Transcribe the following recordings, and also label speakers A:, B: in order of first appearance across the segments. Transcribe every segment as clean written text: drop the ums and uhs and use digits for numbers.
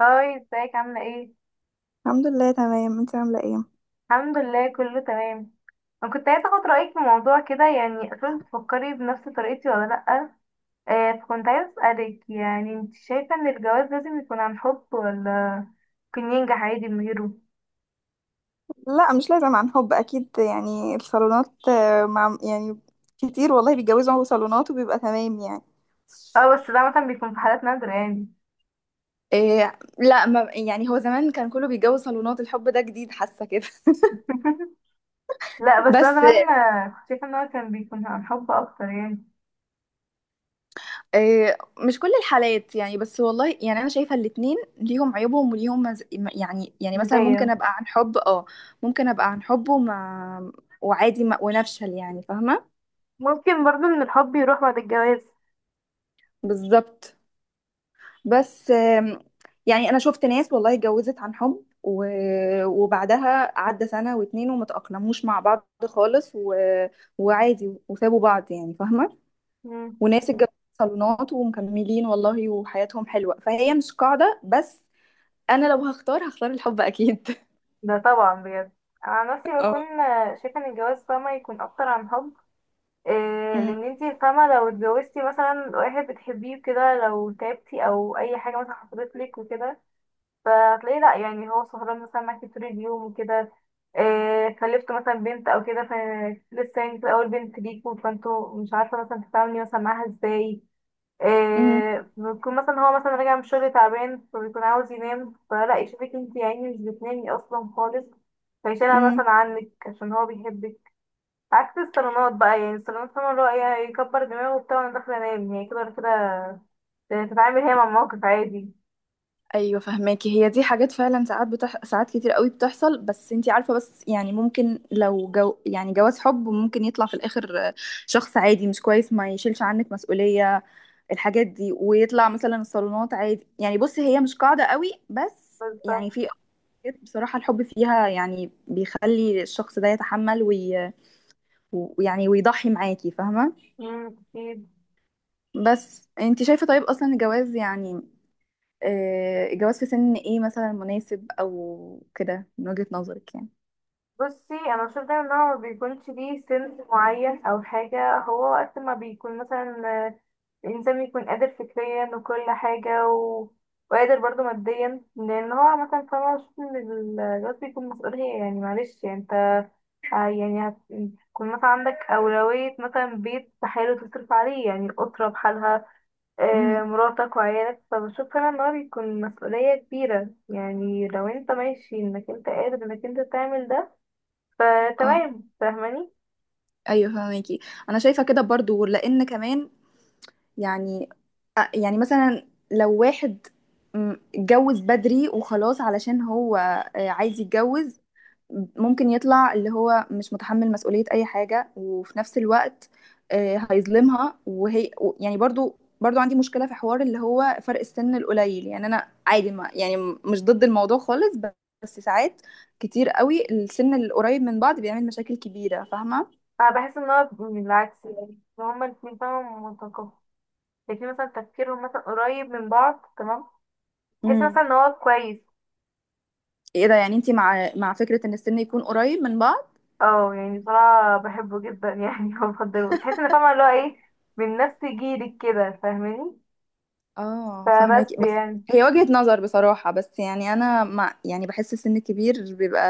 A: هاي، ازيك؟ عاملة ايه؟
B: الحمد لله، تمام. انت عامله ايه؟
A: الحمد لله، كله تمام. انا كنت عايزة اخد رأيك في موضوع كده. يعني اصلا بتفكري بنفس طريقتي ولا لأ؟ فكنت عايزة اسألك، يعني انت شايفة ان الجواز لازم يكون عن حب، ولا ممكن ينجح عادي من غيره؟
B: لا، مش لازم عن حب اكيد. يعني الصالونات، مع يعني كتير والله بيتجوزوا هو صالونات وبيبقى تمام يعني.
A: اه، بس ده مثلا بيكون في حالات نادرة يعني.
B: إيه، لا ما يعني، هو زمان كان كله بيتجوز صالونات. الحب ده جديد، حاسه كده.
A: لا، بس انا
B: بس
A: زمان كنت شايفة ان هو كان بيكون عن حب اكتر يعني.
B: إيه، مش كل الحالات يعني. بس والله يعني انا شايفه الاتنين ليهم عيوبهم وليهم يعني مثلا ممكن
A: مثالية.
B: ابقى عن حب، اه. ممكن ابقى عن حب وعادي ما... ونفشل، يعني فاهمه.
A: ممكن برضو ان الحب يروح بعد الجواز.
B: بالظبط. بس، يعني انا شفت ناس والله اتجوزت عن حب وبعدها عدى سنة واتنين وما تأقلموش مع بعض خالص وعادي وسابوا بعض، يعني فاهمة.
A: مم.
B: وناس اتجوزت صالونات ومكملين والله وحياتهم حلوة، فهي مش قاعدة. بس انا لو هختار الحب اكيد.
A: ده طبعا بجد. انا عن نفسي
B: اه.
A: بكون شايفة ان الجواز، فاهمة، يكون اكتر عن حب. إيه،
B: أم.
A: لان انتي فاهمة لو اتجوزتي مثلا واحد بتحبيه كده، لو تعبتي او اي حاجة مثلا حصلت لك وكده، فهتلاقيه. لا يعني هو سهران مثلا معاكي طول اليوم وكده. إيه، خلفتوا مثلا بنت او كده، فلسه يعني في اول بنت ليكوا، فانتوا مش عارفة مثلا تتعاملي مثلا معاها ازاي.
B: أم.
A: إيه، بيكون مثلا هو مثلا راجع من الشغل تعبان، فبيكون عاوز ينام، فلا يشوفك انتي يعني مش بتنامي اصلا خالص، فيشيلها
B: أم.
A: مثلا عنك عشان هو بيحبك. عكس الصالونات بقى. يعني الصالونات، فاهمة، اللي هو ايه، يكبر دماغه وبتاع، وانا داخلة انام يعني كده، ولا كده تتعامل هي مع الموقف عادي.
B: ايوه فهماكي، هي دي حاجات فعلا. ساعات ساعات كتير قوي بتحصل، بس انتي عارفه. بس يعني ممكن لو يعني جواز حب ممكن يطلع في الاخر شخص عادي مش كويس ما يشيلش عنك مسؤوليه الحاجات دي، ويطلع مثلا الصالونات عادي. يعني بصي، هي مش قاعده قوي، بس
A: بالظبط.
B: يعني في حاجات بصراحه الحب فيها يعني بيخلي الشخص ده يتحمل ويعني ويضحي معاكي، فاهمه.
A: أكيد.
B: بس انتي شايفه، طيب اصلا الجواز يعني، الجواز في سن ايه مثلا مناسب او كده من وجهة نظرك يعني؟
A: بصي، انا بشوف دايما ان هو ما بيكونش ليه سن معين او حاجة. هو وقت ما بيكون مثلا آه، الانسان بيكون قادر فكريا وكل حاجة، وقادر برضه ماديا، لان هو مثلا، فاهمة، بشوف ان الجواز بيكون مسؤولية يعني. معلش يعني انت آه يعني هت- هتكون مثلا عندك أولوية، مثلا بيت بحاله تصرف عليه يعني، الأسرة بحالها، آه
B: امم.
A: مراتك وعيالك. فبشوف أنا إن هو بيكون مسؤولية كبيرة يعني، لو انت ماشي انك انت قادر انك انت تعمل ده،
B: اه.
A: فتمام. فاهماني؟
B: ايوه فهميكي. انا شايفة كده برضو، لان كمان يعني يعني مثلا لو واحد اتجوز بدري وخلاص علشان هو عايز يتجوز، ممكن يطلع اللي هو مش متحمل مسؤولية أي حاجة، وفي نفس الوقت هيظلمها. وهي يعني برضو عندي مشكلة في حوار اللي هو فرق السن القليل. يعني أنا عادي، ما يعني مش ضد الموضوع خالص، بس ساعات كتير قوي السن القريب من بعض بيعمل مشاكل كبيرة، فاهمة؟
A: أنا بحس إن هو من العكس. يعني إن هما الاتنين، فاهمة، متقابلين، الاتنين مثلا تفكيرهم مثلا قريب من بعض، تمام، تحس
B: امم.
A: مثلا إن هو كويس.
B: ايه ده، يعني انتي مع فكرة ان السن يكون قريب من بعض؟
A: اه، يعني بصراحة بحبه جدا يعني. وبفضله تحس إن، فاهمة، اللي هو ايه، من نفس جيلك كده، فاهماني؟
B: اه فاهمك.
A: فبس
B: بس
A: يعني.
B: هي وجهة نظر بصراحة. بس يعني انا مع، يعني بحس السن الكبير بيبقى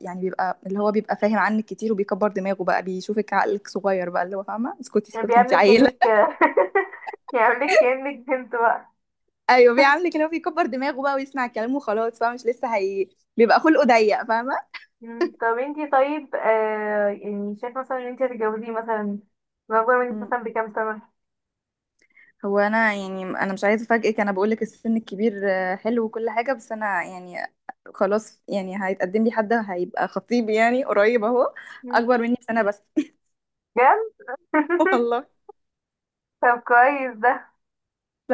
B: يعني بيبقى اللي هو بيبقى فاهم عنك كتير، وبيكبر دماغه بقى، بيشوفك عقلك صغير بقى، اللي هو فاهمة اسكتي
A: يعني
B: اسكتي انت
A: بيعملك
B: عيلة.
A: كأنك... يعملك كأنك بنت بقى.
B: ايوه بيعاملك اللي هو بيكبر دماغه بقى، ويسمع الكلام وخلاص، فاهمة؟ مش لسه هي، بيبقى خلقه ضيق، فاهمة.
A: مم. طب انتي، طيب، يعني شايف مثلا ان انتي هتتجوزيه مثلا من اكبر منك
B: مم.
A: مثلا بكام سنة؟
B: هو يعني انا مش عايزة افاجئك، انا بقول لك السن الكبير حلو وكل حاجة. بس انا يعني خلاص، يعني هيتقدم لي حد هيبقى خطيبي يعني قريب اهو،
A: مم.
B: اكبر مني بسنة بس.
A: بجد؟
B: والله.
A: طب كويس ده.
B: ف...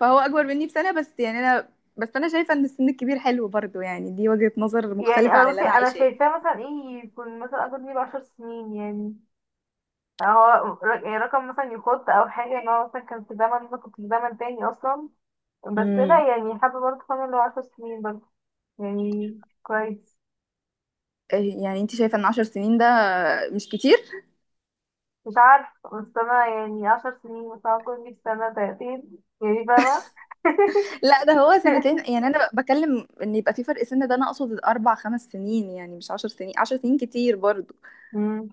B: فهو اكبر مني بسنه بس. يعني انا، بس انا شايفه ان السن الكبير حلو برضو، يعني دي وجهه نظر
A: يعني
B: مختلفه
A: انا،
B: عن اللي
A: بصي،
B: انا
A: انا
B: عايشاه.
A: شايفاه مثلا ايه، يكون مثلا اكبر مني ب10 سنين يعني. هو رقم مثلا يخط او حاجة، ان هو مثلا كان في زمن انا كنت في زمن تاني اصلا. بس
B: امم.
A: لا، يعني حابة برضه، فاهمة، اللي هو 10 سنين برضه يعني كويس.
B: إيه، يعني انت شايفه ان 10 سنين ده مش كتير؟
A: مش عارفة، بس أنا يعني 10 سنين مثلا، كل في سنة سنتين يعني، فاهمة؟
B: لا، ده هو 2 سنين. يعني انا بكلم ان يبقى في فرق سن ده، انا اقصد اربع خمس سنين، يعني مش 10 سنين. 10 سنين كتير برضو.
A: مم.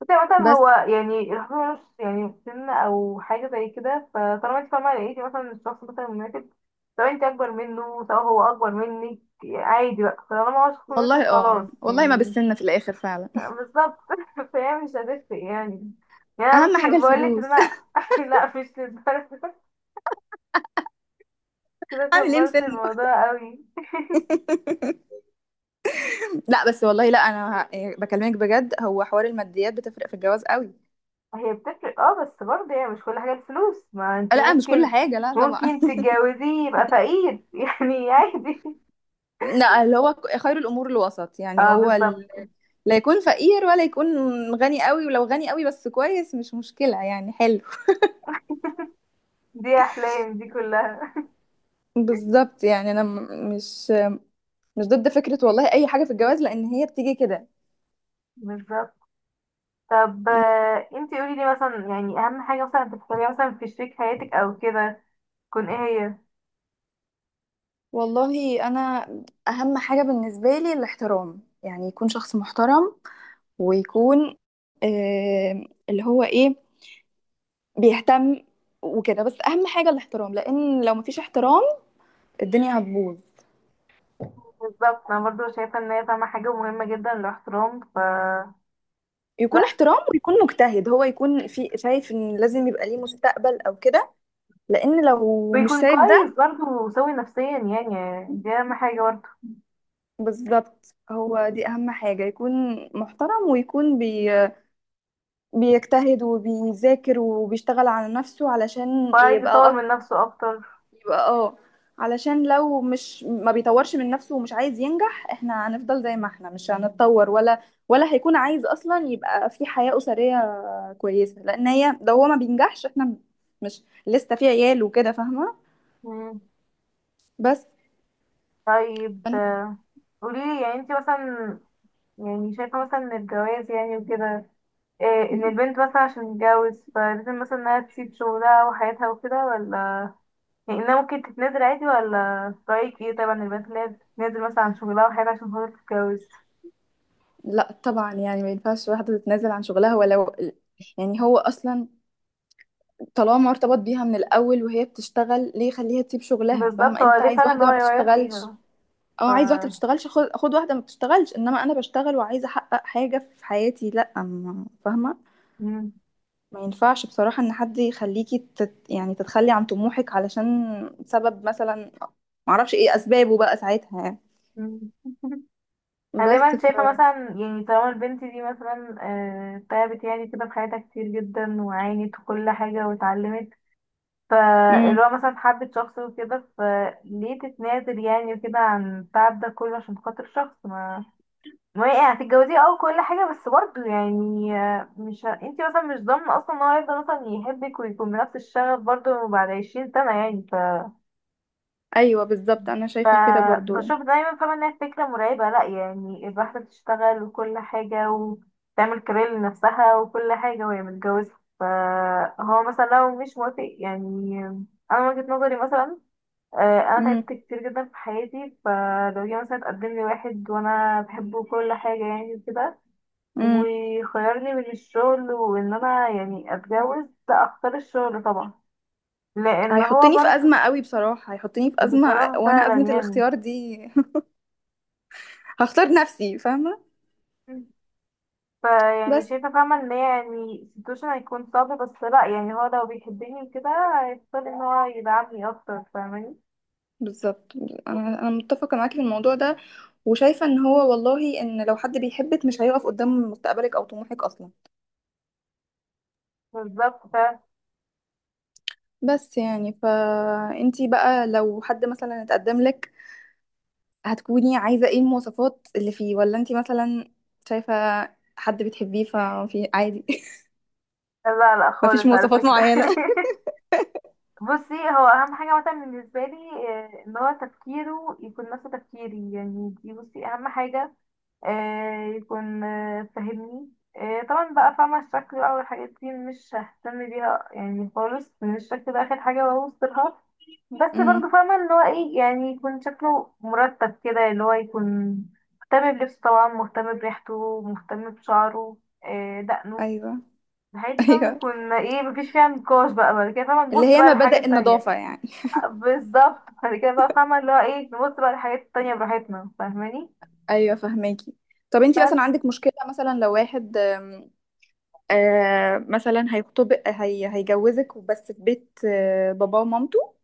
A: بس يعني مثلا
B: بس
A: هو، يعني الحب ملوش يعني سن أو حاجة زي كده. فطالما انت، فاهمة، لقيتي مثلا الشخص مثلا مناسب، سواء انت أكبر منه سواء هو أكبر منك، عادي بقى طالما هو شخص مناسب،
B: والله، اه
A: خلاص
B: والله، ما
A: يعني.
B: بالسن في الاخر فعلا.
A: بالظبط. فهي مش هتفرق يعني. يعني أنا بس
B: اهم حاجه
A: بقولك إن
B: الفلوس.
A: أنا لا، مش للدرجة كده.
B: اعمل ايه
A: كبرت
B: مسنه؟
A: الموضوع قوي.
B: لا بس والله، لا انا يعني بكلمك بجد، هو حوار الماديات بتفرق في الجواز قوي.
A: هي بتفرق، اه، بس برضه يعني مش كل حاجة الفلوس. ما انتي
B: لا، مش كل
A: ممكن
B: حاجه، لا طبعا.
A: ممكن تتجوزيه يبقى فقير يعني عادي.
B: لا، اللي هو خير الامور الوسط يعني.
A: اه،
B: هو
A: بالظبط.
B: لا يكون فقير ولا يكون غني قوي. ولو غني قوي بس كويس مش مشكلة، يعني حلو.
A: دي احلام دي كلها.
B: بالظبط. يعني انا مش ضد فكرة والله اي حاجة في الجواز، لان هي بتيجي كده.
A: بالظبط. طب انتي قولي لي مثلا، يعني اهم حاجة مثلا بتختاريها مثلا في شريك حياتك او كده، تكون ايه؟ هي؟
B: والله انا، اهم حاجة بالنسبة لي الاحترام. يعني يكون شخص محترم، ويكون اللي هو ايه، بيهتم وكده. بس اهم حاجة الاحترام، لان لو مفيش احترام الدنيا هتبوظ.
A: بالظبط، انا برضه شايفة ان هي، فاهمة، حاجة مهمة جدا الاحترام. ف... لا،
B: يكون احترام، ويكون مجتهد، هو يكون في شايف ان لازم يبقى ليه مستقبل او كده، لان لو مش
A: ويكون
B: شايف ده.
A: كويس برضه وسوي نفسيا، يعني دي اهم حاجة برضه.
B: بالظبط، هو دي اهم حاجة. يكون محترم ويكون بيجتهد وبيذاكر وبيشتغل على نفسه علشان
A: وعايز يطور
B: يبقى
A: من نفسه اكتر.
B: يبقى اه. علشان لو مش ما بيطورش من نفسه ومش عايز ينجح، احنا هنفضل زي ما احنا، مش هنتطور، ولا هيكون عايز اصلا يبقى في حياة أسرية كويسة. لان هي، لو هو ما بينجحش، احنا مش لسه في عيال وكده، فاهمة.
A: مم.
B: بس.
A: طيب
B: فن-
A: قولي لي، يعني انت مثلا، يعني شايفة مثلا ان الجواز يعني وكده، إيه، ان
B: م.
A: البنت مثلا عشان تتجوز فلازم مثلا انها تسيب شغلها وحياتها وكده، ولا يعني انها ممكن تتنازل عادي؟ ولا في رأيك ايه طبعا البنت اللي هي بتتنازل مثلا عن شغلها وحياتها عشان خاطر تتجوز؟
B: لا طبعا، يعني ما ينفعش واحدة تتنازل عن شغلها. ولو يعني هو اصلا، طالما ارتبط بيها من الاول وهي بتشتغل، ليه يخليها تسيب شغلها؟
A: بالظبط،
B: فاهمة،
A: هو
B: انت
A: ليه
B: عايز
A: فعلا ان
B: واحدة
A: هو
B: ما
A: يغير
B: بتشتغلش؟
A: فيها؟ ف...
B: اه، عايز واحده بتشتغلش؟ خد خد واحده ما بتشتغلش. انما انا بشتغل وعايزه احقق حاجه في حياتي، لا فاهمه.
A: مم.
B: ما ينفعش بصراحه ان حد يخليكي يعني تتخلي عن طموحك علشان سبب مثلا، معرفش ايه اسبابه بقى ساعتها يعني.
A: مم. انا
B: بس.
A: دايما شايفة مثلا، يعني طالما البنت دي مثلا تعبت يعني كده في حياتها كتير جدا وعانت وكل حاجة واتعلمت، فاللي هو
B: امم.
A: مثلا حبة شخص وكده، فليه تتنازل يعني وكده عن التعب ده كله عشان خاطر شخص ما؟ ما هي يعني هتتجوزيه، اه كل حاجة، بس برضه يعني مش انتي مثلا مش ضامنة اصلا ان هو هيفضل مثلا يحبك ويكون بنفس الشغف برضه بعد 20 سنة يعني.
B: ايوه بالظبط، انا شايفه كده برضو.
A: فبشوف دايما، فاهمة، انها فكرة مرعبة. لأ يعني الواحدة بتشتغل وكل حاجة وتعمل كارير لنفسها وكل حاجة وهي متجوزة، فهو مثلا لو مش موافق يعني. أنا من وجهة نظري مثلا، آه، انا
B: امم.
A: تعبت كتير جدا في حياتي. فلو جه مثلا اتقدم لي واحد وانا بحبه وكل حاجه يعني كده،
B: امم.
A: وخيرني بين الشغل وان انا يعني اتجوز، لا اختار الشغل طبعا، لان هو
B: هيحطني في
A: برضه.
B: ازمه قوي بصراحه، هيحطني في ازمه،
A: بصراحه
B: وانا
A: فعلا
B: ازمه
A: يعني.
B: الاختيار دي. هختار نفسي، فاهمه.
A: فيعني
B: بس،
A: شايفه، فاهمه، ان هي يعني سيتويشن هيكون صعب، بس لا يعني هو لو بيحبني كده، هيختار ان هو يدعمني اكتر، فاهماني؟
B: بالظبط، انا متفقه معاكي في الموضوع ده. وشايفه ان هو والله، ان لو حد بيحبك مش هيقف قدام مستقبلك او طموحك اصلا.
A: بالظبط.
B: بس يعني، فانتي بقى لو حد مثلا اتقدم لك، هتكوني عايزه ايه المواصفات اللي فيه؟ ولا انتي مثلا شايفه حد بتحبيه ففي عادي؟
A: لا لا
B: مفيش
A: خالص على
B: مواصفات
A: فكره.
B: معينه.
A: بصي، هو اهم حاجه مثلا بالنسبه لي، ان هو تفكيره يكون نفس تفكيري يعني. دي، بصي، اهم حاجه. يكون فاهمني. طبعا بقى، فاهمه، الشكل بقى والحاجات دي مش ههتم بيها يعني خالص، ان الشكل ده اخر حاجه بوصلها. بس برضو،
B: امم.
A: فاهمه، اللي هو ايه، يعني يكون شكله مرتب كده، اللي هو يكون مهتم بلبسه، طبعا مهتم بريحته، مهتم بشعره، دقنه،
B: ايوه.
A: الحاجات دي، فاهمه،
B: ايوه،
A: بيكون ايه، مفيش فيها نقاش بقى. بعد كده، فاهمه،
B: اللي
A: تبص
B: هي
A: بقى للحاجات
B: مبادئ
A: التانية.
B: النظافه يعني.
A: بالظبط، بعد كده بقى، فاهمة، اللي هو ايه، نبص بقى للحاجات التانية براحتنا، فاهماني؟
B: ايوه فهماكي. طب انتي مثلا
A: بس
B: عندك مشكله، مثلا لو واحد مثلا هيخطب هيجوزك، بس في بيت باباه ومامته؟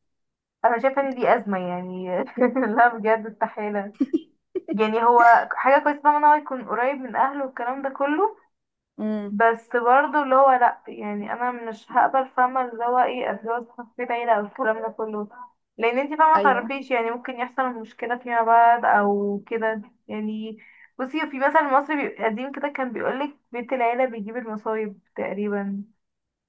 A: انا شايفة ان دي ازمة يعني. لا بجد استحالة. يعني هو حاجة كويسة، فاهمة، ان هو يكون قريب من اهله والكلام ده كله،
B: امم.
A: بس برضه اللي هو لا، يعني انا مش هقبل، فاهمة، اللي هو ايه، اتجوز في بيت عيلة او الكلام ده كله. لان انتي، فاهمة،
B: ايوه.
A: متعرفيش يعني ممكن يحصل مشكلة فيما بعد او كده. يعني بصي، في مثل مصري قديم كده كان بيقولك بيت العيلة بيجيب المصايب تقريبا.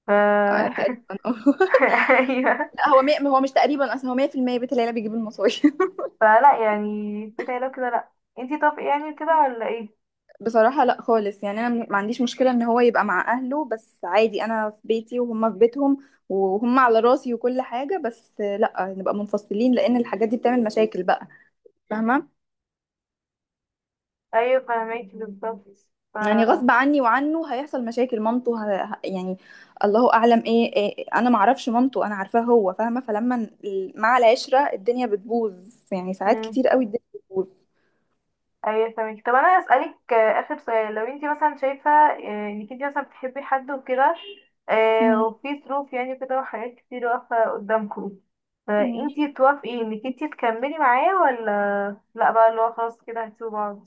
A: ف...
B: آه تقريبا. اه.
A: ايوه.
B: لا، هو هو مش تقريبا اصلا، هو 100% بيت العيله بيجيب المصاري.
A: فلا يعني كده، لو كده لا. انتي طب يعني كده ولا ايه؟
B: بصراحه لا خالص. يعني انا ما عنديش مشكله ان هو يبقى مع اهله، بس عادي انا في بيتي وهم في بيتهم، وهم على راسي وكل حاجه. بس لا، نبقى منفصلين، لان الحاجات دي بتعمل مشاكل بقى، فاهمه.
A: ايوه فاهمك بالظبط. ف...
B: يعني غصب عني وعنه هيحصل مشاكل. مامته يعني الله اعلم ايه, انا معرفش مامته، انا عارفاه هو، فاهمه. فلما مع العشره الدنيا بتبوظ. يعني ساعات
A: مم.
B: كتير قوي الدنيا بتبوظ.
A: ايوه فاهمك. طب انا اسالك، اخر سؤال. لو انتي مثلا شايفه انك انتي مثلا بتحبي حد وكده،
B: مم.
A: وفي ظروف يعني كده وحاجات كتير واقفه قدامكم،
B: مم.
A: فانتي توافقي انك انتي تكملي معاه، ولا لا بقى اللي هو خلاص كده هتسيبوا بعض؟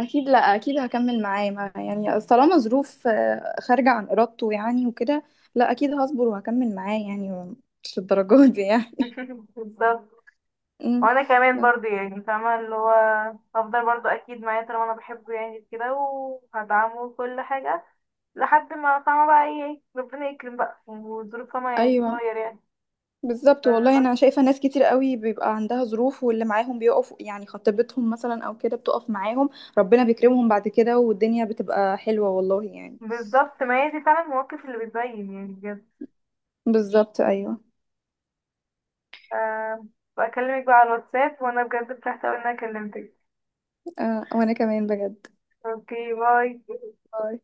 B: اكيد، لا اكيد هكمل معاه. يعني طالما ظروف خارجه عن ارادته يعني وكده. لا اكيد هصبر وهكمل معاه، يعني مش الدرجات دي يعني.
A: بالظبط.
B: مم.
A: وانا كمان برضو يعني، فاهمة، اللي هو هفضل برضو اكيد معاه، طالما انا بحبه يعني كده. وهدعمه كل حاجة لحد ما، فاهمة، بقى ايه ربنا يكرم بقى، والظروف، فاهمة، يعني
B: ايوه
A: تتغير يعني.
B: بالظبط والله،
A: فبس.
B: انا شايفه ناس كتير قوي بيبقى عندها ظروف، واللي معاهم بيقف، يعني خطيبتهم مثلا او كده بتقف معاهم. ربنا بيكرمهم بعد كده، والدنيا بتبقى حلوه والله يعني.
A: بالظبط. ما هي دي فعلا المواقف اللي بتبين يعني، بجد.
B: بالظبط ايوه.
A: أه، بكلمك بقى على الواتساب، وانا بجد فرحت اوي ان انا كلمتك.
B: آه، وانا كمان بجد.
A: اوكي، باي.
B: باي.